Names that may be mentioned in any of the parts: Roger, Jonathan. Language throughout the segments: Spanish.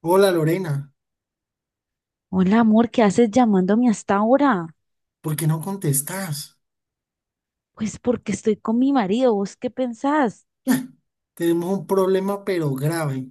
Hola Lorena, Hola, amor, ¿qué haces llamándome hasta ahora? ¿por qué no contestás? Pues porque estoy con mi marido, ¿vos qué pensás? Ah, Tenemos un problema pero grave.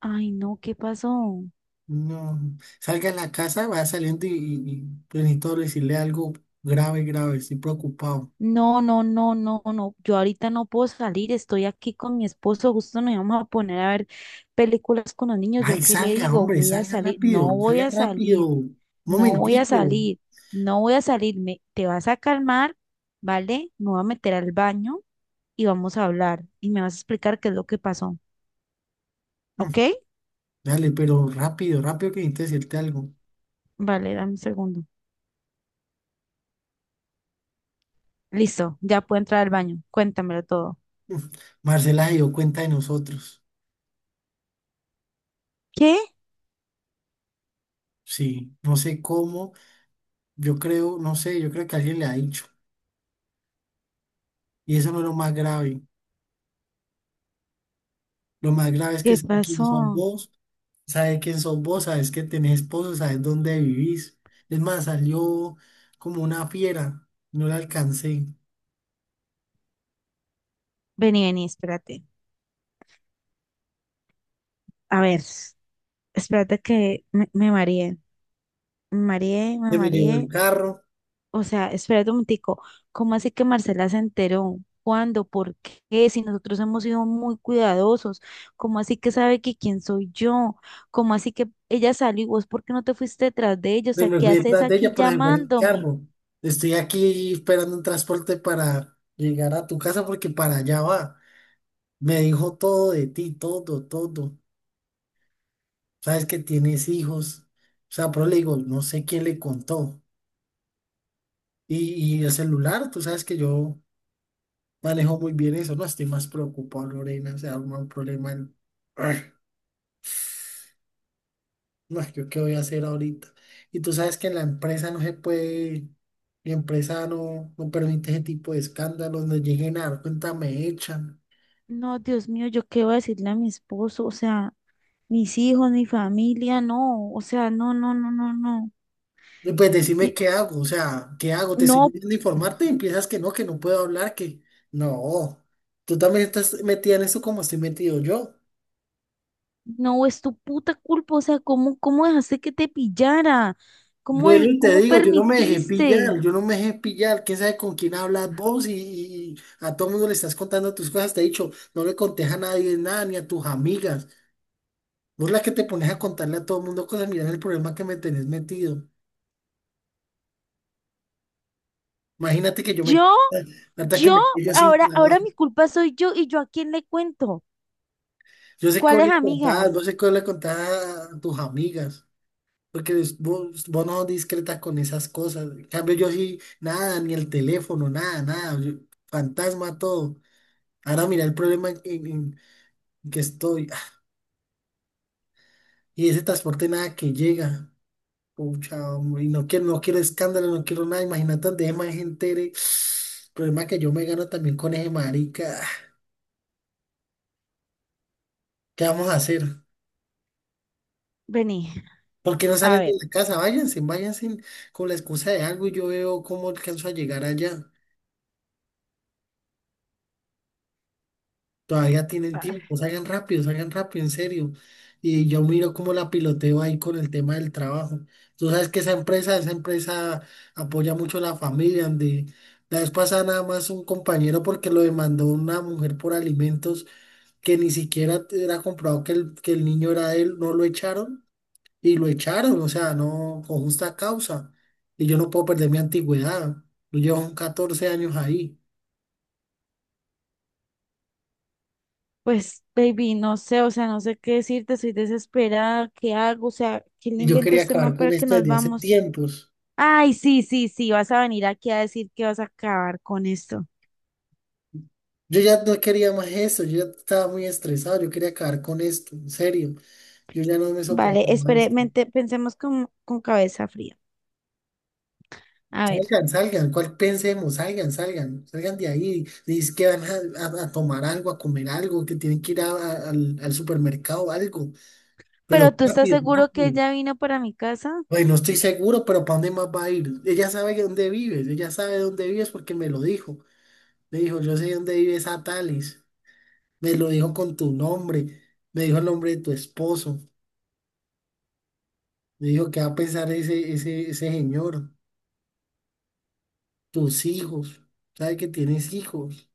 Ay, no, ¿qué pasó? No, salga a la casa, vaya saliendo pues, necesito decirle algo grave, grave, estoy preocupado. No, no, no, no, no, yo ahorita no puedo salir, estoy aquí con mi esposo, justo nos íbamos a poner a ver películas con los niños, Ay, ¿yo qué le salga, digo? hombre, Voy a salga salir, rápido, no voy salga a rápido. salir, Un no voy a momentico. salir, no voy a salirme, te vas a calmar, ¿vale? Me voy a meter al baño y vamos a hablar y me vas a explicar qué es lo que pasó, Mm, ¿ok? Dale, pero rápido, rápido que necesito decirte algo. Vale, dame un segundo. Listo, ya puedo entrar al baño. Cuéntamelo todo. Mm, Marcela se dio cuenta de nosotros. ¿Qué? Sí, no sé cómo, yo creo, no sé, yo creo que alguien le ha dicho. Y eso no es lo más grave. Lo más grave es que ¿Qué sabe quién son pasó? vos, sabes quién son vos, sabes que tenés esposo, sabes dónde vivís. Es más, salió como una fiera, no la alcancé. Vení, vení, espérate. A ver, espérate me mareé. Me mareé, me Se me llevó el mareé. carro, O sea, espérate un momentico. ¿Cómo así que Marcela se enteró? ¿Cuándo? ¿Por qué? Si nosotros hemos sido muy cuidadosos. ¿Cómo así que sabe que quién soy yo? ¿Cómo así que ella salió y vos por qué no te fuiste detrás de ella? O se sea, me ¿qué fui haces detrás de ella, aquí pero se fue en el llamándome? carro. Estoy aquí esperando un transporte para llegar a tu casa porque para allá va. Me dijo todo de ti, todo, todo. Sabes que tienes hijos. O sea, pero le digo, no sé quién le contó. Y el celular, tú sabes que yo manejó muy bien eso. No estoy más preocupado, Lorena. Se arma un problema. En... Arr, no, ¿yo qué voy a hacer ahorita? Y tú sabes que en la empresa no se puede, mi empresa no permite ese tipo de escándalos. No lleguen a dar cuenta, me echan. No, Dios mío, ¿yo qué voy a decirle a mi esposo? O sea, mis hijos, mi familia, no, o sea, no, no, no, no, no. Y pues Y decime qué hago, o sea, ¿qué hago? Te estoy no, pidiendo informarte y empiezas que no puedo hablar, que no. Tú también estás metida en eso como estoy metido yo. no, es tu puta culpa, o sea, ¿cómo, cómo dejaste que te pillara? ¿Cómo, Duelo, te cómo digo, yo no me dejé pillar, permitiste? yo no me dejé pillar, quién sabe con quién hablas vos y a todo mundo le estás contando tus cosas, te he dicho, no le contés a nadie nada, ni a tus amigas, vos la que te pones a contarle a todo mundo cosas, mirá el problema que me tenés metido, imagínate que yo me, Yo, hasta que yo, me quedo sin ahora, trabajo, ahora mi culpa soy yo y yo a quién le cuento. yo sé que vos ¿Cuáles le contás, vos amigas? sé que vos le contás a tus amigas, porque vos no sos discreta con esas cosas, en cambio yo sí, nada, ni el teléfono, nada, nada, yo fantasma todo. Ahora mira el problema en que estoy. Y ese transporte nada que llega. Pucha, hombre, y no quiero, no quiero escándalo, no quiero nada. Imagínate donde más gente entere. Problema que yo me gano también con ese marica. ¿Qué vamos a hacer? Vení, ¿Por qué no a salen de ver. la casa? Váyanse, váyanse con la excusa de algo y yo veo cómo alcanzo a llegar allá. Todavía tienen ah, tiempo, salgan rápido, en serio. Y yo miro cómo la piloteo ahí con el tema del trabajo. Tú sabes que esa empresa apoya mucho a la familia, donde la vez pasada nada más un compañero porque lo demandó una mujer por alimentos que ni siquiera era comprobado que que el niño era de él, no lo echaron y lo echaron, o sea, no con justa causa. Y yo no puedo perder mi antigüedad. Yo llevo 14 años ahí Pues, baby, no sé, o sea, no sé qué decirte, soy desesperada, ¿qué hago? O sea, ¿quién le y yo inventó quería este man acabar con para que esto nos desde hace vamos? tiempos. Ay, sí, sí, sí, vas a venir aquí a decir que vas a acabar con esto. Yo ya no quería más esto, yo ya estaba muy estresado, yo quería acabar con esto, en serio, yo ya no me Vale, soportaba espere, esto. Pensemos con cabeza fría. A ver, Salgan, salgan, ¿cuál pensemos? Salgan, salgan, salgan de ahí. Dice que van a tomar algo, a comer algo, que tienen que ir al supermercado o algo, ¿pero pero tú estás rápido, seguro que rápido. ella vino para mi casa? Bueno, no estoy seguro, pero ¿para dónde más va a ir? Ella sabe que dónde vives, ella sabe dónde vives porque me lo dijo. Me dijo, yo sé dónde vives a Tales, me lo dijo con tu nombre, me dijo el nombre de tu esposo. Le digo, ¿qué va a pensar ese señor? Tus hijos, ¿sabe que tienes hijos?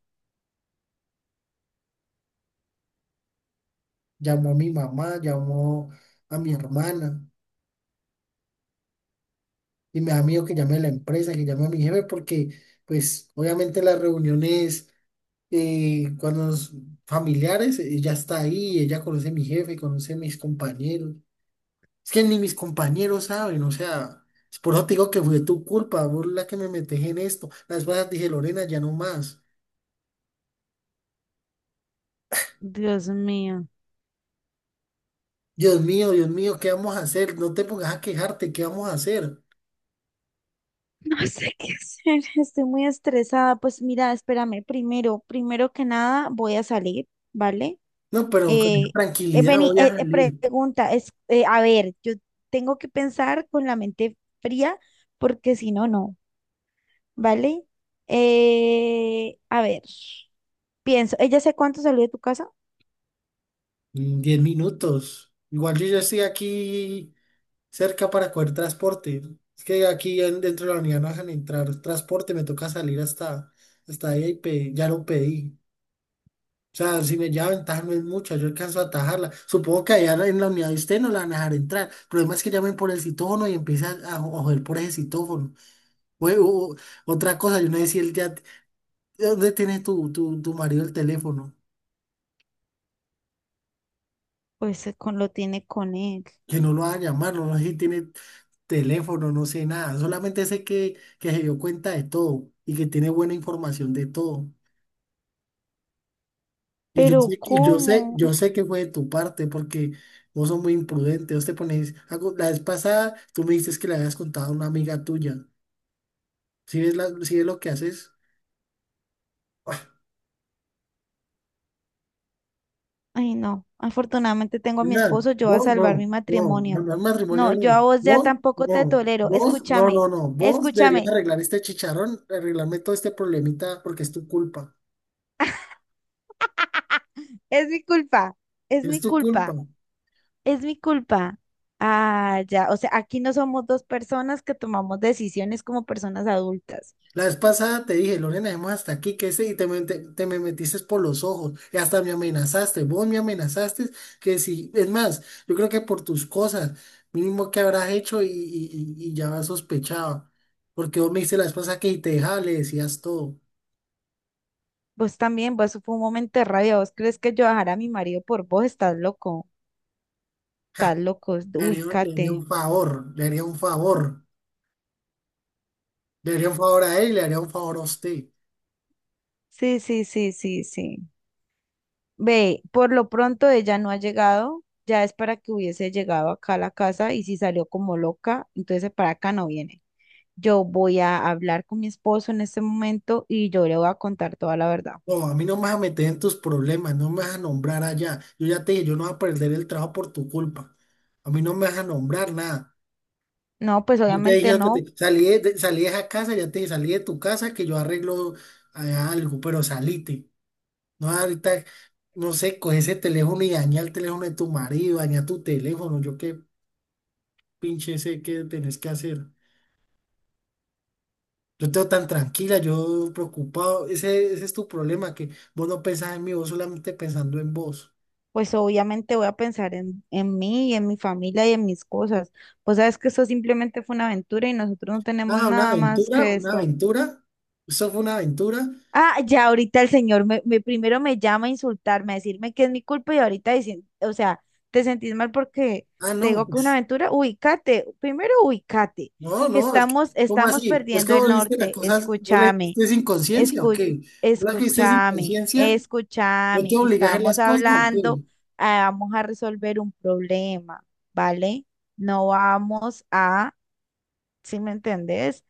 Llamó a mi mamá, llamó a mi hermana y me da miedo que llame a la empresa, que llame a mi jefe, porque pues obviamente las reuniones cuando los familiares, ella está ahí, ella conoce a mi jefe, conoce a mis compañeros. Es que ni mis compañeros saben, o sea, es por eso te digo que fue tu culpa, vos la que me metes en esto. Las cosas dije, Lorena, ya no más. Dios mío, Dios mío, ¿qué vamos a hacer? No te pongas a quejarte, ¿qué vamos a hacer? no sé qué hacer, estoy muy estresada. Pues mira, espérame, primero, primero que nada voy a salir, ¿vale? No, pero con esa Eh, tranquilidad vení, voy a salir. pregunta, a ver, yo tengo que pensar con la mente fría porque si no, no. ¿Vale? A ver, pienso, ¿ella sé cuánto salió de tu casa? En 10 minutos. Igual yo ya estoy aquí cerca para coger transporte. Es que aquí dentro de la unidad no dejan entrar transporte, me toca salir hasta, hasta ahí y ya lo pedí. O sea, si me lleva ventaja no es mucha, yo alcanzo a atajarla. Supongo que allá en la unidad de usted no la van a dejar entrar. El problema es que llamen por el citófono y empiezan a, a joder por ese citófono. o- o- Otra cosa, yo no sé si él ya ¿dónde tiene tu marido el teléfono? Lo tiene con él. Que no lo va a llamar, no sé si tiene teléfono, no sé nada. Solamente sé que se dio cuenta de todo y que tiene buena información de todo. Pero ¿cómo? Yo sé que fue de tu parte porque vos sos muy imprudente. Vos te pones, la vez pasada tú me dices que le habías contado a una amiga tuya. ¿Sí ves, sí ves lo que haces? Ay, no. Afortunadamente tengo a mi Pilar, esposo, yo voy a vos no, salvar mi no, no, matrimonio. no, No, matrimonio no. yo a vos ya tampoco te tolero. Escúchame, No. Vos deberías escúchame. arreglar este chicharrón, arreglarme todo este problemita porque es tu culpa. Es mi culpa, es Es mi tu culpa. culpa. Es mi culpa. Ah, ya. O sea, aquí no somos dos personas que tomamos decisiones como personas adultas. La vez pasada te dije, Lorena, dejemos hasta aquí, que ese, te me metiste por los ojos, y hasta me amenazaste, vos me amenazaste, que si, es más, yo creo que por tus cosas, mínimo que habrás hecho y ya sospechaba, porque vos me dices la vez pasada que si te dejaba, le decías todo. Vos también, vos fue un momento de rabia. ¿Vos crees que yo dejaré a mi marido por vos? Estás loco. Estás loco. Le haría Ubícate. un favor, le haría un favor, le haría un favor a él y le haría un favor a usted. Sí, sí, sí, sí, sí. Ve, por lo pronto ella no ha llegado, ya es para que hubiese llegado acá a la casa y si salió como loca, entonces para acá no viene. Yo voy a hablar con mi esposo en este momento y yo le voy a contar toda la verdad. No, a mí no me vas a meter en tus problemas, no me vas a nombrar allá. Yo ya te dije, yo no voy a perder el trabajo por tu culpa. A mí no me vas a nombrar nada. No, pues Yo te obviamente dije que no, te, salí salí de esa casa, ya te dije, salí de tu casa que yo arreglo algo, pero salite. No, ahorita, no sé, coge ese teléfono y daña el teléfono de tu marido, daña tu teléfono. Yo qué pinche sé qué tenés que hacer. Yo te veo tan tranquila, yo preocupado. Ese es tu problema, que vos no pensás en mí, vos solamente pensando en vos. pues obviamente voy a pensar en mí y en mi familia y en mis cosas. Pues sabes que esto simplemente fue una aventura y nosotros no tenemos Ah, una nada más aventura, que una esto. aventura. Eso fue una aventura. Ah, ya ahorita el señor primero me llama a insultarme, a decirme que es mi culpa y ahorita dicen, o sea, te sentís mal porque Ah, te no, digo que es una pues, aventura, ubícate, primero ubícate, no, que estamos, ¿cómo estamos así? Es que perdiendo el vos viste las norte, cosas, vos las escúchame, viste sin conciencia, ¿o escu- qué? Vos las viste sin escúchame, conciencia, no te escúchame, obligas a hacer estamos las cosas, ¿o hablando, qué? Vamos a resolver un problema, ¿vale? No vamos a, ¿si me entendés?,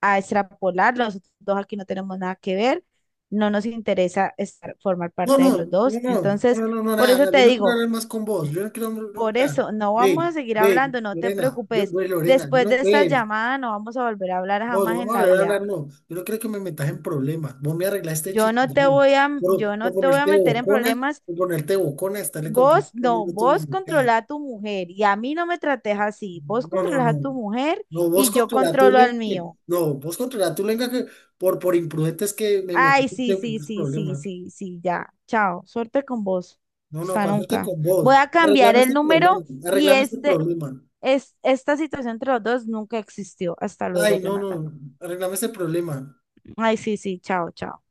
a extrapolar, los dos aquí no tenemos nada que ver, no nos formar parte de los dos. Entonces, por eso Nada, yo te no quiero digo, hablar más con vos, yo no quiero, hablar, por nada. eso no vamos a seguir hablando, no te Lorena, preocupes. Lorena, yo Después no, de esta ve. llamada no vamos a volver a hablar No, no jamás en vamos a la volver a hablar, vida. no. Yo no creo que me metas en problemas. Vos me arreglaste chicharrón. Por, Yo no por te voy a ponerte meter en bocona, problemas. por ponerte bocona, estarle contando Vos no, conmigo tus vos maricadas. controla a tu mujer y a mí no me trates así. Vos No, no, controlas no. a tu mujer No, vos y yo controla tu controlo al lengua. Mío. No, vos controla tu lengua que por imprudentes que me Ay, metiste sí, en sí, tus sí, sí, problemas. sí, sí, ya. Chao. Suerte con vos. No, no, Hasta cuándo nunca. con vos. Voy a cambiar Arreglame el este problema. número y Arreglame este este, problema. Esta situación entre los dos nunca existió. Hasta luego, Ay, no, Jonathan. no. Arreglame este problema. Ay, sí, sí, chao, chao.